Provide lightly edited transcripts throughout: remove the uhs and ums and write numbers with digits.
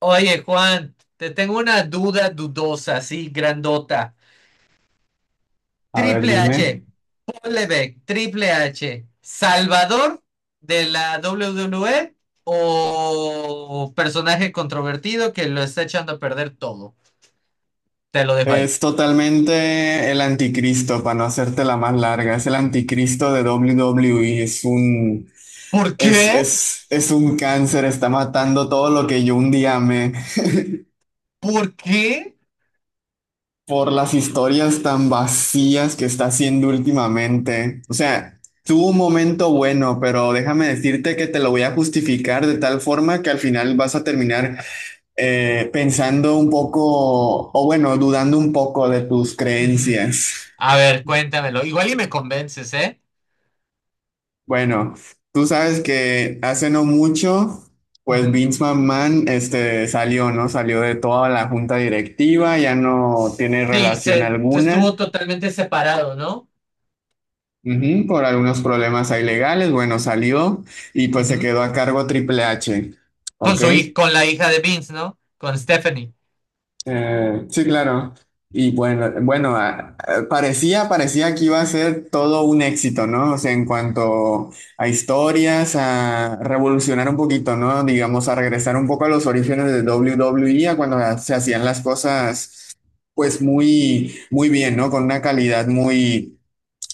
Oye, Juan, te tengo una duda dudosa, así grandota. A ver, Triple dime. H, Paul Levesque, Triple H, ¿Salvador de la WWE o personaje controvertido que lo está echando a perder todo? Te lo dejo ahí. Es totalmente el anticristo, para no hacerte la más larga. Es el anticristo de W W WWE. Es un, ¿Por qué? es, es, es un cáncer. Está matando todo lo que yo un día amé ¿Por qué? por las historias tan vacías que está haciendo últimamente. O sea, tuvo un momento bueno, pero déjame decirte que te lo voy a justificar de tal forma que al final vas a terminar pensando un poco, o bueno, dudando un poco de tus Ujú. creencias. A ver, cuéntamelo. Igual y me convences, ¿eh? Bueno, tú sabes que hace no mucho, pues Ujú. Vince McMahon este, salió, ¿no? Salió de toda la junta directiva, ya no tiene Sí, relación se estuvo alguna, totalmente separado, no. ujú, por algunos problemas ahí legales, bueno, salió y pues se Ujú. quedó a cargo Triple H, Con ¿ok? Con la hija de Vince, ¿no? Con Stephanie. Sí, claro. Y bueno, bueno, parecía que iba a ser todo un éxito, ¿no? O sea, en cuanto a historias, a revolucionar un poquito, ¿no? Digamos, a regresar un poco a los orígenes de W W WWE, a cuando se hacían las cosas, pues muy, muy bien, ¿no? Con una calidad muy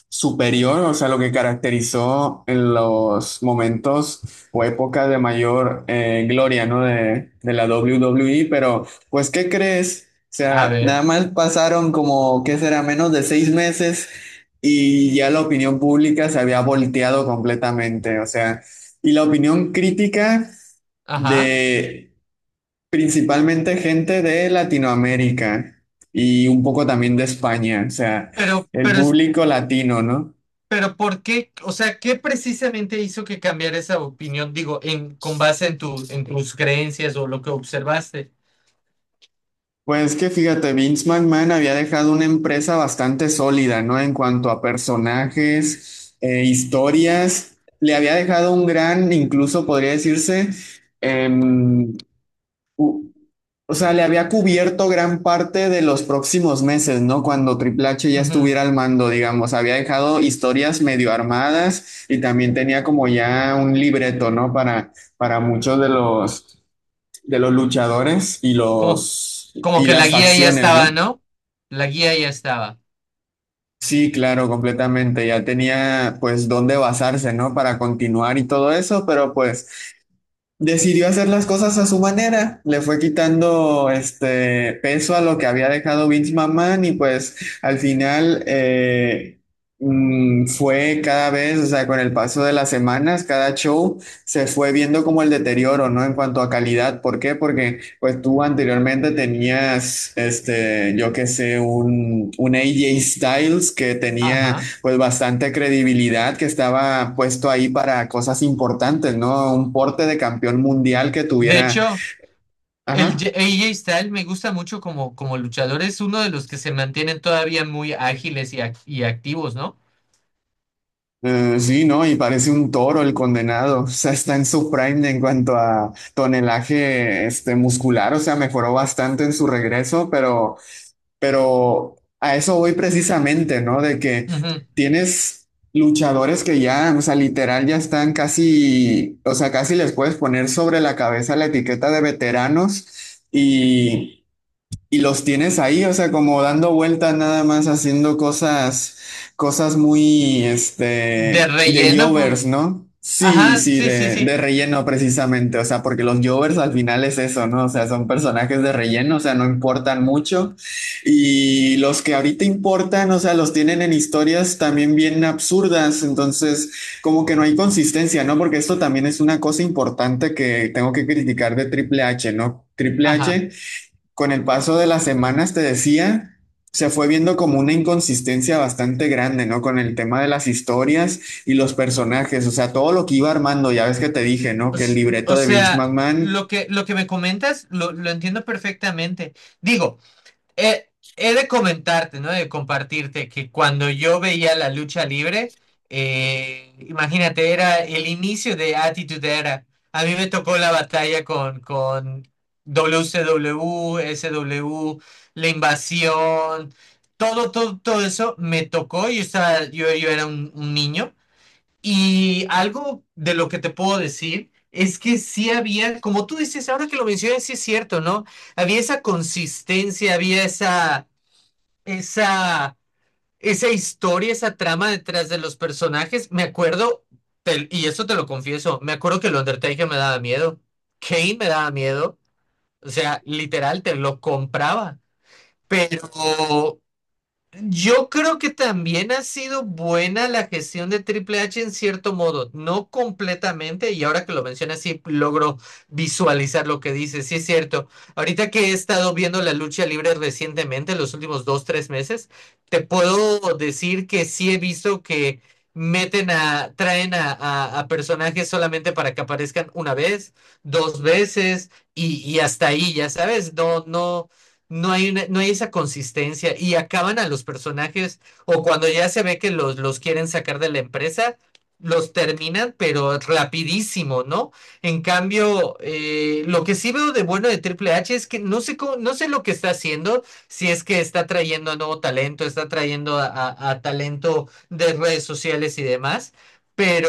superior, o sea, lo que caracterizó en los momentos o épocas de mayor gloria, ¿no? De la WWE, pero pues, ¿qué crees? O A sea, ver, nada más pasaron como, ¿qué será? Menos de 6 meses y ya la opinión pública se había volteado completamente, o sea, y la opinión crítica ajá. de principalmente gente de Latinoamérica y un poco también de España, o sea, Pero, el pero, es- público latino, ¿no? pero, ¿por qué? O sea, ¿qué precisamente hizo que cambiara esa opinión? Digo, con base en en tus creencias o lo que observaste. Pues que fíjate, Vince McMahon había dejado una empresa bastante sólida, ¿no? En cuanto a personajes, historias, le había dejado un gran, incluso podría decirse, em, u- o sea, le había cubierto gran parte de los próximos meses, ¿no? Cuando Triple H ya Ujú. estuviera al mando, digamos, había dejado historias medio armadas y también tenía como ya un libreto, ¿no? Para muchos de los luchadores y Como, los como y que la las guía ya facciones, estaba, ¿no? ¿no? La guía ya estaba. Sí, claro, completamente. Ya tenía pues dónde basarse, ¿no? Para continuar y todo eso, pero pues decidió hacer las cosas a su manera, le fue quitando este peso a lo que había dejado Vince McMahon y pues al final fue cada vez, o sea, con el paso de las semanas, cada show se fue viendo como el deterioro, ¿no? En cuanto a calidad, ¿por qué? Porque pues tú anteriormente tenías, este, yo qué sé, un AJ Styles que tenía Ajá. pues bastante credibilidad que estaba puesto ahí para cosas importantes, ¿no? Un porte de campeón mundial que De tuviera, hecho, ajá, AJ Styles me gusta mucho como, como luchador. Es uno de los que se mantienen todavía muy ágiles y activos, ¿no? Sí, ¿no? Y parece un toro el condenado, o sea, está en su prime en cuanto a tonelaje, este, muscular, o sea, mejoró bastante en su regreso, pero a eso voy precisamente, ¿no? De que Ujú. tienes luchadores que ya, o sea, literal ya están casi, o sea, casi les puedes poner sobre la cabeza la etiqueta de veteranos. Y los tienes ahí, o sea, como dando vueltas nada más haciendo cosas muy, De este, de relleno, pues, jovers, ¿no? Sí, ajá, sí, sí, sí, de sí, relleno precisamente, o sea, porque los jovers al final es eso, ¿no? O sea, son personajes de relleno, o sea, no importan mucho. Y los que ahorita importan, o sea, los tienen en historias también bien absurdas, entonces como que no hay consistencia, ¿no? Porque esto también es una cosa importante que tengo que criticar de Triple H, ¿no? Triple ajá. H con el paso de las semanas, te decía, se fue viendo como una inconsistencia bastante grande, ¿no? Con el tema de las historias y los personajes, o sea, todo lo que iba armando, ya ves que te dije, ¿no? Que el libreto O de Vince sea, McMahon. Lo que me comentas lo entiendo perfectamente. Digo, eh, he de comentarte, ¿no? De compartirte que cuando yo veía la lucha libre, imagínate, era el inicio de Attitude Era. A mí me tocó la batalla con WCW, SW, la invasión, todo, todo, todo eso me tocó. Yo era un niño. Y algo de lo que te puedo decir es que sí había, como tú dices, ahora que lo mencionas, sí es cierto, ¿no? Había esa consistencia, esa, esa historia, esa trama detrás de los personajes. Me acuerdo, y eso te lo confieso, me acuerdo que el Undertaker me daba miedo, Kane me daba miedo, o sea, literal, te lo compraba. Pero yo creo que también ha sido buena la gestión de Triple H en cierto modo, no completamente, y ahora que lo mencionas sí logro visualizar lo que dices, sí es cierto. Ahorita que he estado viendo la lucha libre recientemente, los últimos dos, tres meses, te puedo decir que sí he visto que traen a, a personajes solamente para que aparezcan una vez, dos veces, y hasta ahí, ya sabes, no no hay, no hay esa consistencia y acaban a los personajes o cuando ya se ve que los quieren sacar de la empresa, los terminan, pero rapidísimo, ¿no? En cambio, lo que sí veo de bueno de Triple H es que no sé cómo, no sé lo que está haciendo, si es que está trayendo a nuevo talento, está trayendo a, a talento de redes sociales y demás. Pero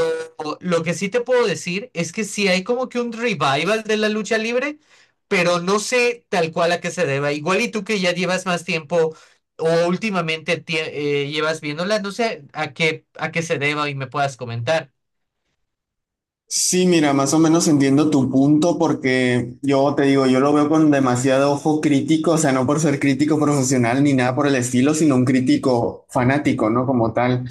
lo que sí te puedo decir es que sí hay como que un revival de la lucha libre, pero no sé tal cual a qué se deba. Igual y tú que ya llevas más tiempo o últimamente llevas viéndola, no sé a qué se deba y me puedas comentar. Sí, mira, más o menos entiendo tu punto porque yo te digo, yo lo veo con demasiado ojo crítico, o sea, no por ser crítico profesional ni nada por el estilo, sino un crítico fanático, ¿no? Como tal.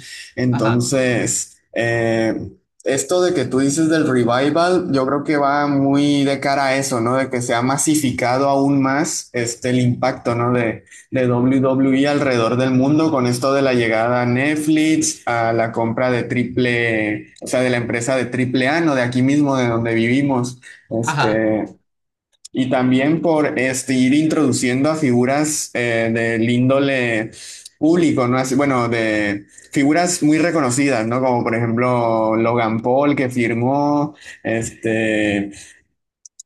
Ajá. Entonces, esto de que tú dices del revival, yo creo que va muy de cara a eso, ¿no? De que se ha masificado aún más este, el impacto, ¿no? De W W WWE alrededor del Ujú, mundo con esto de la llegada a Netflix, a la compra de o sea, de la empresa de triple A, no de aquí mismo, de donde vivimos. ajá. Este, y también por este, ir introduciendo a figuras del índole público, ¿no? Así, bueno, de figuras muy reconocidas, ¿no? Como por ejemplo Logan Paul que firmó, este.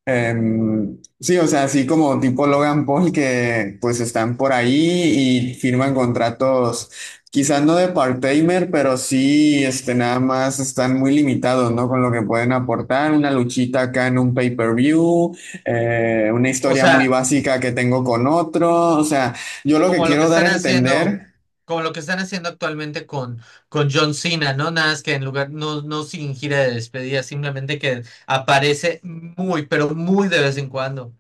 Sí, o sea, así como tipo Logan Paul que pues están por ahí y firman contratos, quizás no de part-timer, pero sí, este, nada más están muy limitados, ¿no? Con lo que pueden aportar, una luchita acá en un pay-per-view, una O historia muy sea, básica que tengo con otro, o sea, yo lo que como lo que quiero dar a están haciendo, entender. como lo que están haciendo actualmente con John Cena, ¿no? Nada más que en lugar, no sin gira de despedida, simplemente que aparece muy, pero muy de vez en cuando.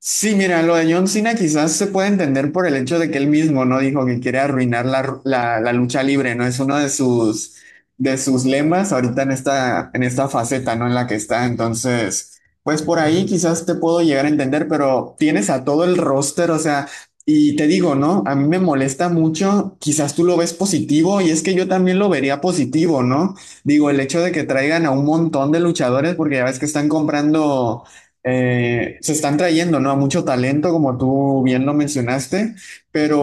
Sí, mira, lo de John Cena quizás se puede entender por el hecho de que él mismo no dijo que quiere arruinar la lucha libre, ¿no? Es uno de sus, lemas ahorita en esta faceta, ¿no? En la que está. Entonces, pues por Ujú, ahí quizás te puedo llegar a entender, pero tienes a todo el roster, o sea, y te digo, ¿no? A mí me molesta mucho, quizás tú lo ves positivo y es que yo también lo vería positivo, ¿no? Digo, el hecho de que traigan a un montón de luchadores, porque ya ves que están comprando se están trayendo, ¿no? A mucho talento, como tú bien lo mencionaste,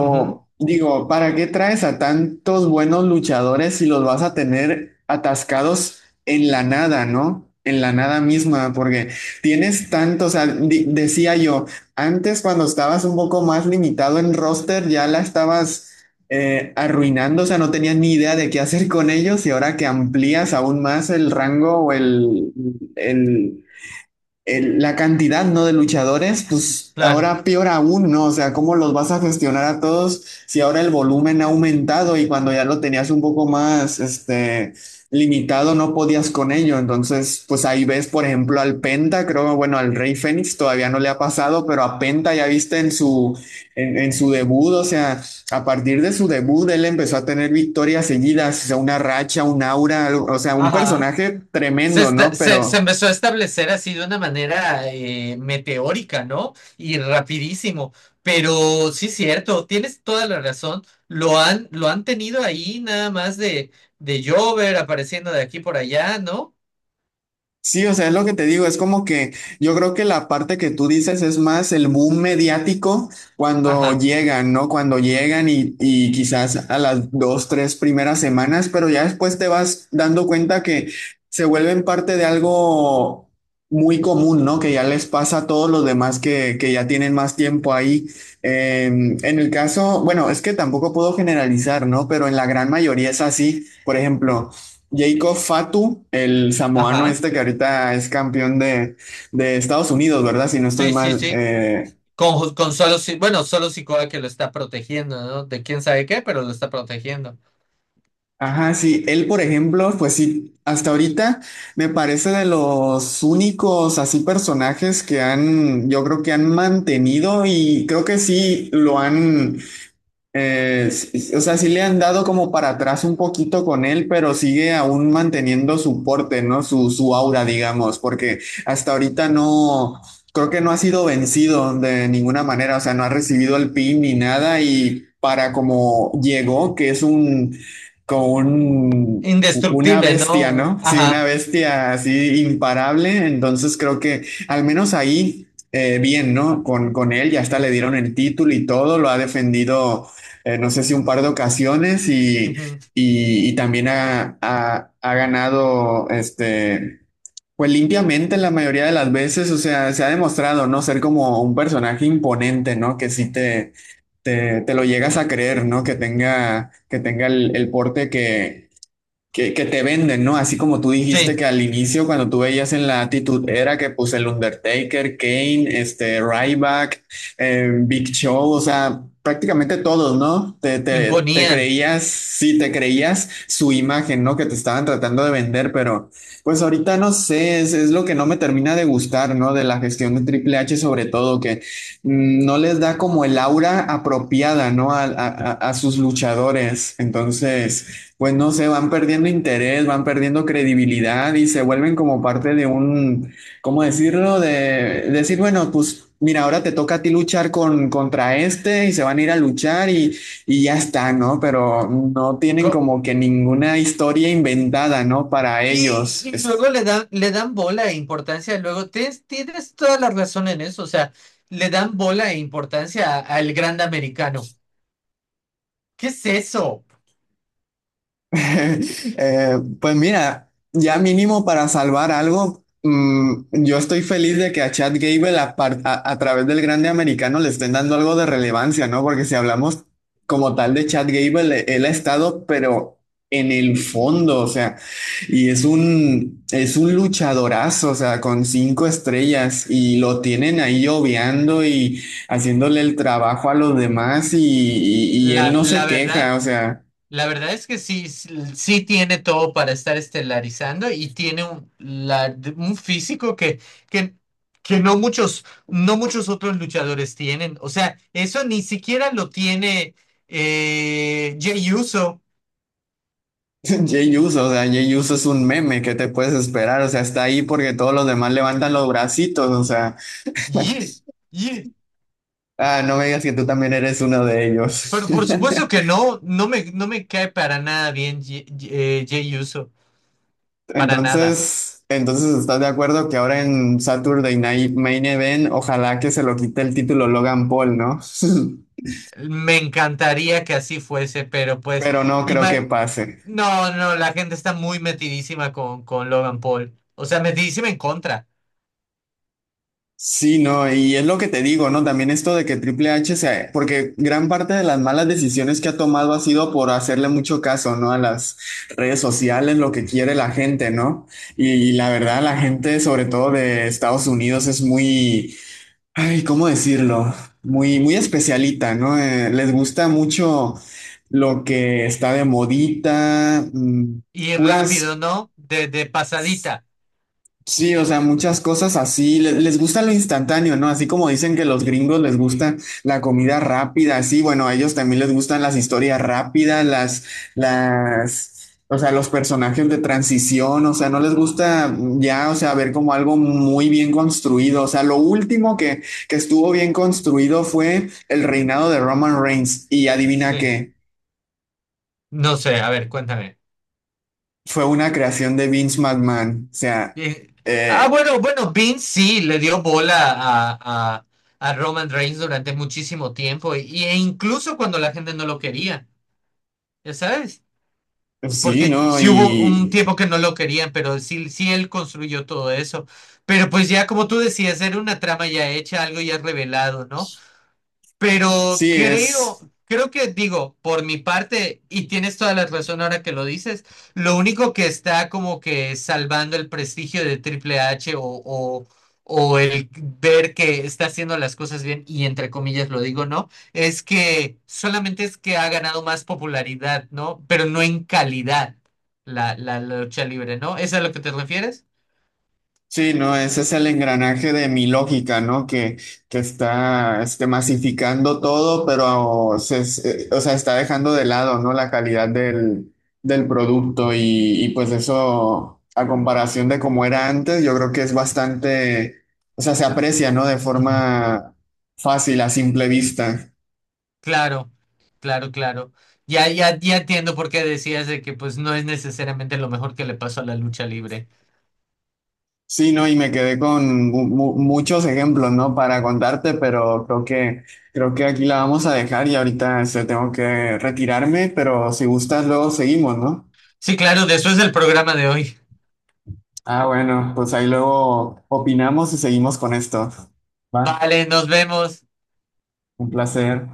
ujú, digo, ¿para qué traes a tantos buenos luchadores si los vas a tener atascados en la nada? ¿No? En la nada misma, porque tienes tantos, o sea, decía yo, antes cuando estabas un poco más limitado en roster, ya la estabas arruinando, o sea, no tenías ni idea de qué hacer con ellos y ahora que amplías aún más el rango o el, la cantidad, ¿no? De luchadores, pues claro. ahora peor aún, ¿no? O sea, ¿cómo los vas a gestionar a todos si ahora el volumen ha aumentado y cuando ya lo tenías un poco más, este, limitado, no podías con ello? Entonces, pues ahí ves, por ejemplo, al Penta, creo, bueno, al Rey Fénix todavía no le ha pasado, pero a Penta ya viste en su debut, o sea, a partir de su debut, él empezó a tener victorias seguidas, o sea, una racha, un aura, o sea, un Ajá. personaje tremendo, ¿no? Se Pero... empezó a establecer así de una manera meteórica, ¿no? Y rapidísimo. Pero sí es cierto, tienes toda la razón. Lo han tenido ahí nada más de Jover apareciendo de aquí por allá, ¿no? Sí, o sea, es lo que te digo, es como que yo creo que la parte que tú dices es más el boom mediático cuando Ajá, llegan, ¿no? Cuando llegan y quizás a las dos, tres primeras semanas, pero ya después te vas dando cuenta que se vuelven parte de algo muy común, ¿no? Que ya les pasa a todos los demás que ya tienen más tiempo ahí. En el caso, bueno, es que tampoco puedo generalizar, ¿no? Pero en la gran mayoría es así. Por ejemplo, Jacob Fatu, el samoano ajá. este que ahorita es campeón de Estados Unidos, ¿verdad? Si no estoy Sí, sí, mal. sí. Con solo, bueno, solo Sikoa que lo está protegiendo, ¿no? De quién sabe qué, pero lo está protegiendo. Ajá, sí. Él, por ejemplo, pues sí, hasta ahorita me parece de los únicos así personajes que han, yo creo que han mantenido y creo que sí lo han. Sí, o sea, sí le han dado como para atrás un poquito con él, pero sigue aún manteniendo su porte, ¿no? Su aura, digamos, porque hasta ahorita no, creo que no ha sido vencido de ninguna manera, o sea, no ha recibido el pin ni nada y para como llegó, que es un, como un, una Indestructible, bestia, ¿no? ¿no? Sí, una Ajá. bestia así imparable, entonces creo que al menos ahí bien, ¿no? Con él, ya hasta le dieron el título y todo, lo ha defendido no sé si un par de ocasiones y, Ujú, y- y también ha, ha ganado este, pues limpiamente la mayoría de las veces, o sea, se ha demostrado, ¿no? Ser como un personaje imponente, ¿no? Que sí te lo llegas a creer, ¿no? Que tenga, el, porte que te venden, ¿no? Así como tú dijiste sí, que al inicio, cuando tú veías en la actitud era que pues el Undertaker, Kane, este, Ryback, Big Show, o sea, prácticamente todos, ¿no? Te imponían. creías, sí, te creías su imagen, ¿no? Que te estaban tratando de vender, pero pues ahorita no sé, es lo que no me termina de gustar, ¿no? De la gestión de Triple H sobre todo, que no les da como el aura apropiada, ¿no? A sus luchadores. Entonces pues no sé, van perdiendo interés, van perdiendo credibilidad y se vuelven como parte de un, ¿cómo decirlo? De decir, bueno, pues mira, ahora te toca a ti luchar contra este y se van a ir a luchar y ya está, ¿no? Pero no tienen Co- como que ninguna historia inventada, ¿no? Para ellos. y luego le dan bola e importancia. Luego tienes, tienes toda la razón en eso. O sea, le dan bola e importancia al grande americano. ¿Qué es eso? Pues mira, ya mínimo para salvar algo, yo estoy feliz de que a Chad Gable a través del grande americano le estén dando algo de relevancia, ¿no? Porque si hablamos como tal de Chad Gable, él ha estado, pero en el fondo, o sea, y es un, luchadorazo, o sea, con cinco estrellas y lo tienen ahí obviando y haciéndole el trabajo a los demás y él La, no se la verdad. queja, o sea. La verdad es que sí, sí sí tiene todo para estar estelarizando y tiene un físico que, que no muchos, no muchos otros luchadores tienen. O sea, eso ni siquiera lo tiene Jey Uso. Jay Uso, o sea, Jay Uso es un meme, ¿qué te puedes esperar? O sea, está ahí porque todos los demás levantan los bracitos, o sea, Ye- ye. ah, no me digas que tú también eres uno de ellos. Pero por supuesto que no, no me cae para nada bien Jey Uso, para nada. Entonces, ¿estás de acuerdo que ahora en Saturday Night Main Event, ojalá que se lo quite el título Logan Paul? ¿No? Me encantaría que así fuese, pero pues, Pero no creo que ima- pase. no, no, la gente está muy metidísima con Logan Paul. O sea, metidísima en contra. Sí, no, y es lo que te digo, ¿no? También esto de que Triple H se, porque gran parte de las malas decisiones que ha tomado ha sido por hacerle mucho caso, ¿no? A las redes sociales, lo que quiere la gente, ¿no? Y, la verdad, la gente, sobre todo de Estados Unidos, es muy, ay, ¿cómo decirlo? Muy, muy especialita, ¿no? Les gusta mucho lo que está de modita, Y puras rápido, ¿no? De pasadita. Sí, o sea, muchas cosas así, les, gusta lo instantáneo, ¿no? Así como dicen que los gringos les gusta la comida rápida, así, bueno, a ellos también les gustan las historias rápidas, o sea, los personajes de transición, o sea, no les gusta ya, o sea, ver como algo muy bien construido, o sea, lo último que estuvo bien construido fue el reinado de Roman Reigns, y adivina Sí. qué, No sé, a ver, cuéntame. fue una creación de Vince McMahon, o sea, Eh, ah, eh, bueno, bueno, Vince sí le dio bola a Roman Reigns durante muchísimo tiempo. E incluso cuando la gente no lo quería. ¿Ya sabes? sí, Porque ¿no? sí hubo un Y tiempo que no lo querían, pero sí, sí él construyó todo eso. Pero pues ya como tú decías, era una trama ya hecha, algo ya revelado, ¿no? Pero sí, creo, es, creo que digo, por mi parte, y tienes toda la razón ahora que lo dices, lo único que está como que salvando el prestigio de Triple H o el ver que está haciendo las cosas bien, y entre comillas lo digo, ¿no? Es que solamente es que ha ganado más popularidad, ¿no? Pero no en calidad la lucha libre, ¿no? ¿Es a lo que te refieres? sí, no, ese es el engranaje de mi lógica, ¿no? Que está este, masificando todo, pero o sea, está dejando de lado, ¿no? La calidad del producto y pues eso, a comparación de cómo era antes, yo creo que es bastante, o sea, se aprecia, ¿no? De Ujú. forma fácil, a simple vista. Claro, claro, claro. Ya, ya, ya entiendo por qué decías de que pues no es necesariamente lo mejor que le pasó a la lucha libre. Sí, no, y me quedé con muchos ejemplos, ¿no? Para contarte, pero creo que aquí la vamos a dejar y ahorita este, tengo que retirarme, pero si gustas luego seguimos, ¿no? Sí, claro, de eso es el programa de hoy. Ah, bueno, pues ahí luego opinamos y seguimos con esto. Va, Vale, nos vemos. un placer.